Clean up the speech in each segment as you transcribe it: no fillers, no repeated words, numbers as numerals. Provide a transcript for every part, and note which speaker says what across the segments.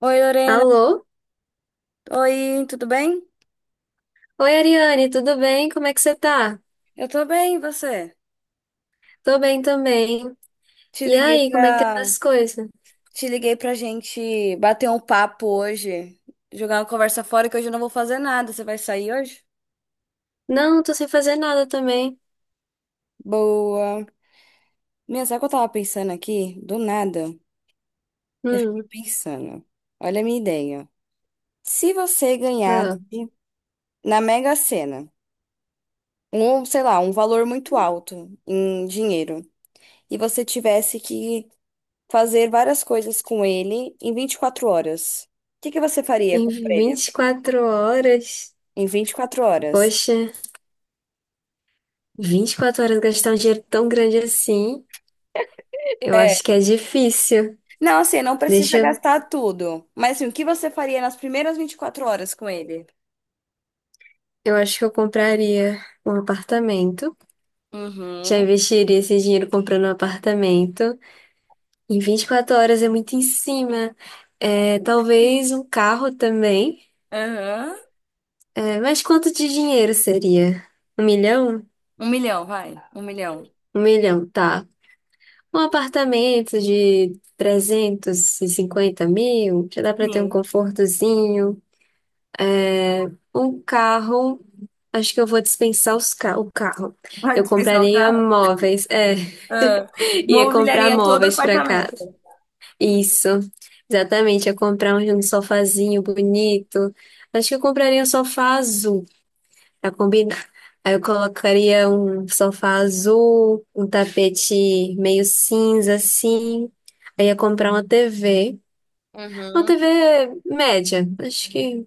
Speaker 1: Oi, Lorena.
Speaker 2: Alô?
Speaker 1: Oi, tudo bem?
Speaker 2: Oi, Ariane, tudo bem? Como é que você tá?
Speaker 1: Eu tô bem, e você?
Speaker 2: Tô bem também.
Speaker 1: Te
Speaker 2: E
Speaker 1: liguei
Speaker 2: aí, como é que tá
Speaker 1: pra,
Speaker 2: as coisas?
Speaker 1: te liguei pra gente bater um papo hoje, jogar uma conversa fora que hoje eu não vou fazer nada. Você vai sair hoje?
Speaker 2: Não, tô sem fazer nada também.
Speaker 1: Boa. Sabe o que eu tava pensando aqui? Do nada. Eu fiquei
Speaker 2: Hum,
Speaker 1: pensando. Olha a minha ideia. Se você ganhasse
Speaker 2: ah,
Speaker 1: na Mega Sena, um, sei lá, um valor muito alto em dinheiro, e você tivesse que fazer várias coisas com ele em 24 horas. O que que você faria
Speaker 2: em
Speaker 1: com o prêmio?
Speaker 2: 24 horas?
Speaker 1: Em 24 horas.
Speaker 2: Poxa, 24 horas gastar um dinheiro tão grande assim, eu acho que é difícil.
Speaker 1: Não, assim, não
Speaker 2: Deixa
Speaker 1: precisa
Speaker 2: eu,
Speaker 1: gastar tudo. Mas assim, o que você faria nas primeiras 24 horas com ele?
Speaker 2: eu acho que eu compraria um apartamento. Já
Speaker 1: Uhum.
Speaker 2: investiria esse dinheiro comprando um apartamento. Em 24 horas é muito em cima. É, talvez um carro também.
Speaker 1: Aham.
Speaker 2: É, mas quanto de dinheiro seria? 1 milhão?
Speaker 1: Um milhão, vai. Um milhão.
Speaker 2: Um milhão, tá. Um apartamento de 350 mil, já dá pra ter um
Speaker 1: Sim.
Speaker 2: confortozinho. Um carro, acho que eu vou dispensar os ca o carro.
Speaker 1: Vai
Speaker 2: Eu
Speaker 1: dispensar o
Speaker 2: compraria
Speaker 1: carro?
Speaker 2: móveis, é,
Speaker 1: Ah.
Speaker 2: ia comprar
Speaker 1: Mobiliaria todo o
Speaker 2: móveis pra casa.
Speaker 1: apartamento.
Speaker 2: Isso, exatamente, ia comprar um sofazinho bonito. Acho que eu compraria um sofá azul. Pra combinar. Aí eu colocaria um sofá azul, um tapete meio cinza assim. Aí ia comprar uma TV. Uma
Speaker 1: Uhum.
Speaker 2: TV média, acho que.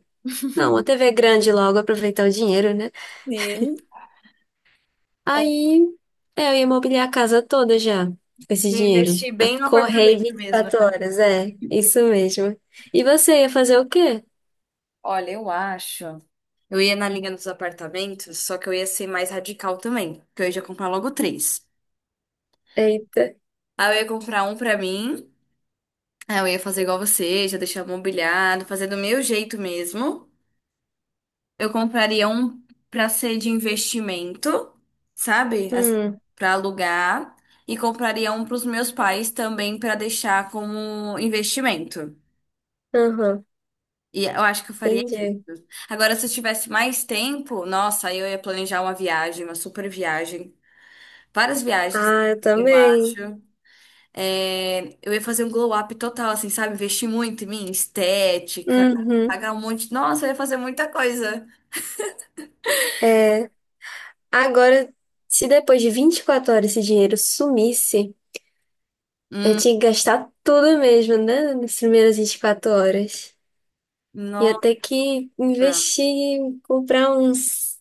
Speaker 2: Não, uma TV grande logo, aproveitar o dinheiro, né?
Speaker 1: Sim. Ah,
Speaker 2: Aí é, eu ia mobiliar a casa toda já, com esse
Speaker 1: e
Speaker 2: dinheiro.
Speaker 1: investir bem no
Speaker 2: Correr
Speaker 1: apartamento mesmo,
Speaker 2: vinte e quatro
Speaker 1: né?
Speaker 2: horas, é, isso mesmo. E você ia fazer o quê?
Speaker 1: Olha, eu acho. Eu ia na linha dos apartamentos, só que eu ia ser mais radical também, porque eu ia já comprar logo três.
Speaker 2: Eita.
Speaker 1: Aí eu ia comprar um pra mim, aí eu ia fazer igual você, já deixar mobiliado, fazer do meu jeito mesmo. Eu compraria um pra ser de investimento, sabe?
Speaker 2: Hum,
Speaker 1: Pra alugar. E compraria um pros meus pais também pra deixar como investimento.
Speaker 2: aham,
Speaker 1: E eu acho que eu faria isso.
Speaker 2: entendi.
Speaker 1: Agora, se eu tivesse mais tempo, nossa, aí eu ia planejar uma viagem, uma super viagem. Várias viagens,
Speaker 2: Ah, eu
Speaker 1: eu acho.
Speaker 2: também.
Speaker 1: É, eu ia fazer um glow up total, assim, sabe? Investir muito em mim, estética,
Speaker 2: Uhum.
Speaker 1: pagar um monte. Nossa, eu ia fazer muita coisa.
Speaker 2: É, agora, se depois de 24 horas esse dinheiro sumisse, eu
Speaker 1: Hum,
Speaker 2: tinha que gastar tudo mesmo, né? Nas primeiras 24 horas. Ia
Speaker 1: nossa,
Speaker 2: ter que investir, comprar uns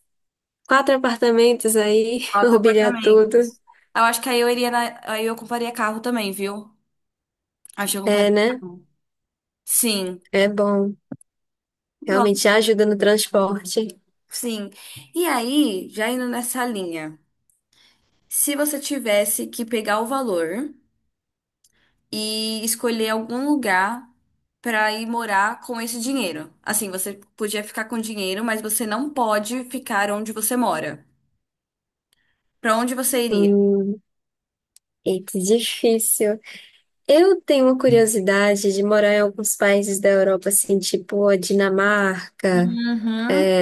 Speaker 2: 4 apartamentos aí,
Speaker 1: quatro
Speaker 2: mobiliar tudo.
Speaker 1: apartamentos. Eu acho que aí eu iria na- aí eu compraria carro também, viu? Acho que eu
Speaker 2: É,
Speaker 1: compraria
Speaker 2: né?
Speaker 1: carro. Sim,
Speaker 2: É bom. Realmente
Speaker 1: nossa,
Speaker 2: já ajuda no transporte.
Speaker 1: sim. E aí, já indo nessa linha, se você tivesse que pegar o valor. E escolher algum lugar para ir morar com esse dinheiro. Assim, você podia ficar com dinheiro, mas você não pode ficar onde você mora. Para onde você iria?
Speaker 2: Hum, eita, difícil. Eu tenho uma curiosidade de morar em alguns países da Europa, assim, tipo a Dinamarca,
Speaker 1: Uhum.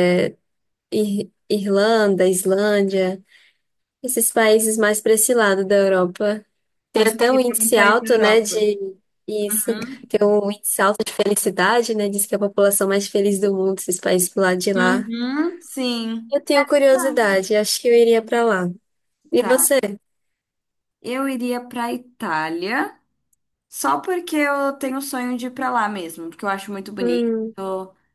Speaker 2: Irlanda, Islândia. Esses países mais para esse lado da Europa. Tem
Speaker 1: Então, você
Speaker 2: até um
Speaker 1: iria pra algum
Speaker 2: índice
Speaker 1: país da
Speaker 2: alto, né,
Speaker 1: Europa.
Speaker 2: de isso.
Speaker 1: Uhum.
Speaker 2: Tem um índice alto de felicidade, né? Diz que é a população mais feliz do mundo, esses países pro lado de lá.
Speaker 1: Uhum. Sim.
Speaker 2: Eu tenho
Speaker 1: Verdade.
Speaker 2: curiosidade, acho que eu iria para lá. E
Speaker 1: Tá.
Speaker 2: você?
Speaker 1: Eu iria pra Itália. Só porque eu tenho o sonho de ir pra lá mesmo, porque eu acho muito bonito
Speaker 2: Hum,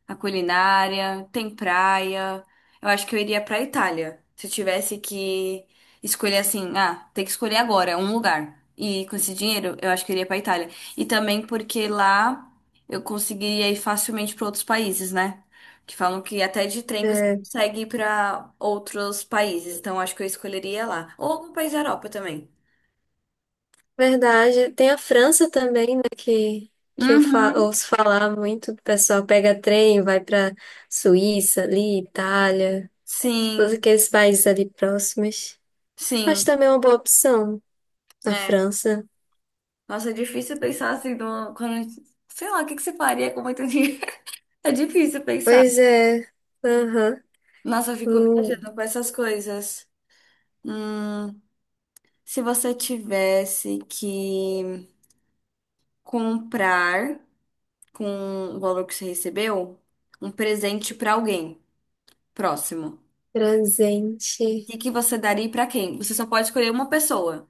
Speaker 1: a culinária, tem praia. Eu acho que eu iria pra Itália. Se eu tivesse que escolher assim, ah, tem que escolher agora um lugar. E com esse dinheiro, eu acho que eu iria pra Itália. E também porque lá eu conseguiria ir facilmente pra outros países, né? Que falam que até de trem você
Speaker 2: é
Speaker 1: consegue ir pra outros países. Então eu acho que eu escolheria lá. Ou algum país da Europa também.
Speaker 2: verdade. Tem a França também, né, que eu fa
Speaker 1: Uhum.
Speaker 2: ouço falar muito. O pessoal pega trem, vai para Suíça, ali, Itália, todos
Speaker 1: Sim,
Speaker 2: aqueles países ali próximos. Acho
Speaker 1: sim.
Speaker 2: também uma boa opção. Na
Speaker 1: É.
Speaker 2: França?
Speaker 1: Nossa, é difícil pensar assim, quando, sei lá, o que que você faria com muito dinheiro? É difícil pensar.
Speaker 2: Pois é. Aham.
Speaker 1: Nossa, eu fico
Speaker 2: Um
Speaker 1: viajando com essas coisas. Hum, se você tivesse que comprar com o valor que você recebeu, um presente pra alguém próximo,
Speaker 2: presente.
Speaker 1: o que que você daria e pra quem? Você só pode escolher uma pessoa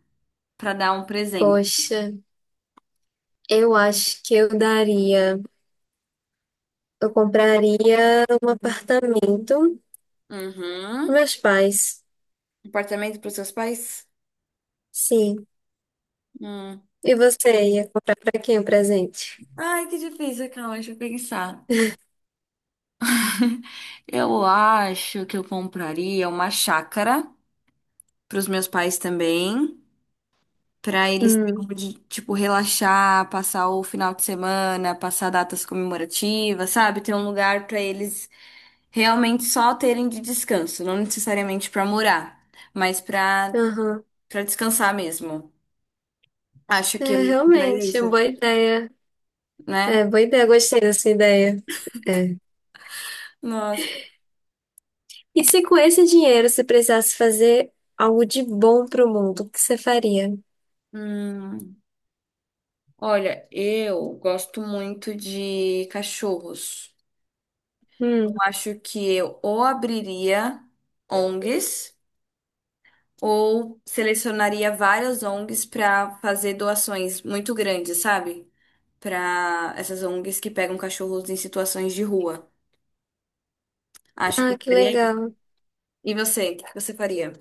Speaker 1: pra dar um presente.
Speaker 2: Poxa, eu acho que eu daria. Eu compraria um apartamento com
Speaker 1: Uhum.
Speaker 2: meus pais.
Speaker 1: Apartamento pros seus pais?
Speaker 2: Sim.
Speaker 1: Hum.
Speaker 2: E você ia comprar pra quem o presente?
Speaker 1: Ai, que difícil, calma, deixa eu pensar. Eu acho que eu compraria uma chácara para os meus pais também, para eles terem
Speaker 2: Hum.
Speaker 1: onde, tipo, relaxar, passar o final de semana, passar datas comemorativas, sabe? Ter um lugar para eles realmente só terem de descanso, não necessariamente para morar, mas para
Speaker 2: Aham.
Speaker 1: para descansar mesmo. Acho que
Speaker 2: É
Speaker 1: eu faria
Speaker 2: realmente,
Speaker 1: isso,
Speaker 2: uma boa ideia.
Speaker 1: né?
Speaker 2: É, boa ideia. Gostei dessa ideia. É.
Speaker 1: Nossa.
Speaker 2: E se com esse dinheiro você precisasse fazer algo de bom pro mundo, o que você faria?
Speaker 1: Hum, olha, eu gosto muito de cachorros.
Speaker 2: Hum.
Speaker 1: Eu acho que eu ou abriria ONGs ou selecionaria várias ONGs para fazer doações muito grandes, sabe? Para essas ONGs que pegam cachorros em situações de rua. Acho que
Speaker 2: Ah,
Speaker 1: eu
Speaker 2: que
Speaker 1: faria isso.
Speaker 2: legal.
Speaker 1: E você? O que você faria?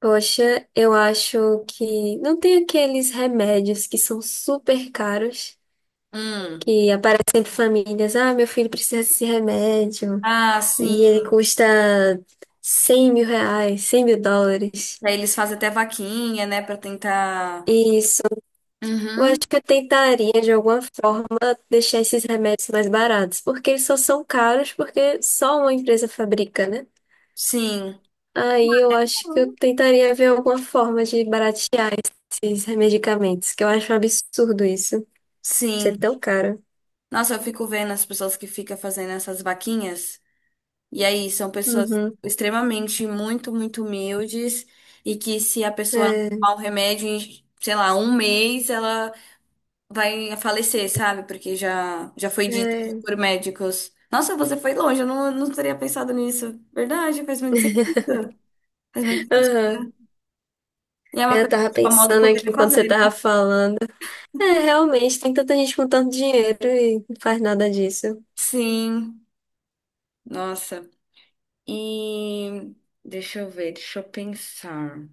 Speaker 2: Poxa, eu acho que não tem aqueles remédios que são super caros,
Speaker 1: Hum.
Speaker 2: que aparecem para famílias. Ah, meu filho precisa desse remédio
Speaker 1: Ah,
Speaker 2: e ele
Speaker 1: sim.
Speaker 2: custa 100 mil reais, 100 mil dólares.
Speaker 1: Aí eles fazem até vaquinha, né, para tentar.
Speaker 2: Isso. Eu acho
Speaker 1: Uhum.
Speaker 2: que eu tentaria, de alguma forma, deixar esses remédios mais baratos, porque eles só são caros porque só uma empresa fabrica, né?
Speaker 1: Sim,
Speaker 2: Aí eu acho que eu tentaria ver alguma forma de baratear esses medicamentos, que eu acho um absurdo isso. Ser
Speaker 1: sim.
Speaker 2: tão caro.
Speaker 1: Nossa, eu fico vendo as pessoas que ficam fazendo essas vaquinhas. E aí, são pessoas
Speaker 2: Uhum.
Speaker 1: extremamente muito, muito humildes e que se a pessoa não
Speaker 2: É,
Speaker 1: tomar um remédio em, sei lá, um mês, ela vai falecer, sabe? Porque já foi dito
Speaker 2: é.
Speaker 1: por médicos. Nossa, você foi longe, eu não teria pensado nisso. Verdade, faz muito sentido. Faz muito
Speaker 2: Aham.
Speaker 1: sentido. E é uma
Speaker 2: É, eu
Speaker 1: coisa que
Speaker 2: tava
Speaker 1: os famosos
Speaker 2: pensando aqui
Speaker 1: poderiam
Speaker 2: enquanto você
Speaker 1: fazer, né?
Speaker 2: tava falando. É, realmente, tem tanta gente com tanto dinheiro e não faz nada disso.
Speaker 1: Sim, nossa. E deixa eu ver, deixa eu pensar.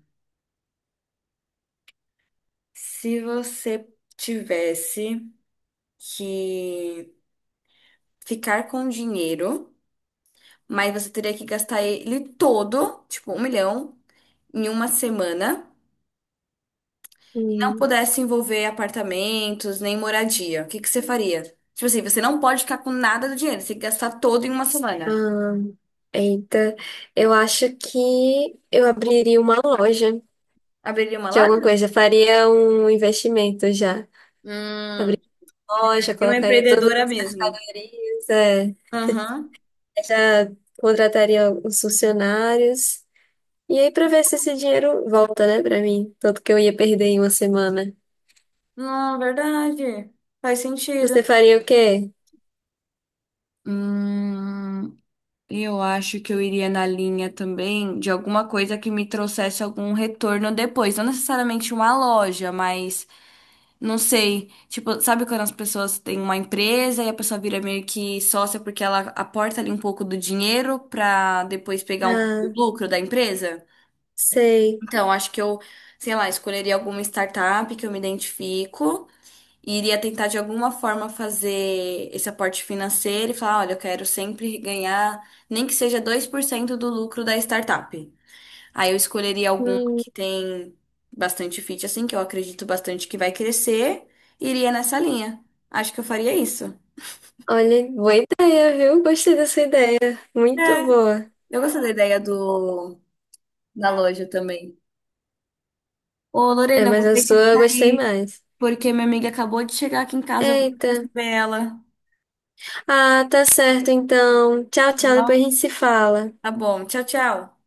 Speaker 1: Se você tivesse que ficar com dinheiro, mas você teria que gastar ele todo, tipo, 1 milhão, em uma semana, e não
Speaker 2: Hum.
Speaker 1: pudesse envolver apartamentos nem moradia. O que que você faria? Tipo assim, você não pode ficar com nada do dinheiro, você tem que gastar todo em uma semana.
Speaker 2: Ah, eita, eu acho que eu abriria uma loja
Speaker 1: Abriria uma
Speaker 2: de alguma
Speaker 1: loja?
Speaker 2: coisa. Faria um investimento já.
Speaker 1: Hum,
Speaker 2: Abriria uma loja,
Speaker 1: seria uma
Speaker 2: colocaria todas
Speaker 1: empreendedora
Speaker 2: as
Speaker 1: mesmo.
Speaker 2: mercadorias, é.
Speaker 1: Aham.
Speaker 2: Já contrataria os funcionários. E aí, pra ver se esse dinheiro volta, né, pra mim. Tanto que eu ia perder em 1 semana.
Speaker 1: Não, verdade. Faz sentido.
Speaker 2: Você faria o quê?
Speaker 1: Hum. Eu acho que eu iria na linha também de alguma coisa que me trouxesse algum retorno depois. Não necessariamente uma loja, mas não sei. Tipo, sabe quando as pessoas têm uma empresa e a pessoa vira meio que sócia porque ela aporta ali um pouco do dinheiro pra depois pegar um pouco do
Speaker 2: Ah,
Speaker 1: lucro da empresa?
Speaker 2: sei.
Speaker 1: Então, acho que eu, sei lá, escolheria alguma startup que eu me identifico e iria tentar de alguma forma fazer esse aporte financeiro e falar, olha, eu quero sempre ganhar nem que seja 2% do lucro da startup. Aí eu escolheria alguma
Speaker 2: Hum,
Speaker 1: que tem bastante fit, assim, que eu acredito bastante que vai crescer, e iria nessa linha. Acho que eu faria isso.
Speaker 2: olha, boa ideia, viu? Gostei dessa ideia.
Speaker 1: É,
Speaker 2: Muito boa.
Speaker 1: eu gosto da ideia do da loja também. Ô,
Speaker 2: É,
Speaker 1: Lorena, eu
Speaker 2: mas
Speaker 1: vou
Speaker 2: a
Speaker 1: ter que
Speaker 2: sua eu gostei
Speaker 1: sair,
Speaker 2: mais.
Speaker 1: porque minha amiga acabou de chegar aqui em casa, eu vou
Speaker 2: Eita.
Speaker 1: receber ela.
Speaker 2: Ah, tá certo, então. Tchau,
Speaker 1: Tá
Speaker 2: tchau. Depois a
Speaker 1: bom,
Speaker 2: gente se fala.
Speaker 1: tá bom, tchau, tchau.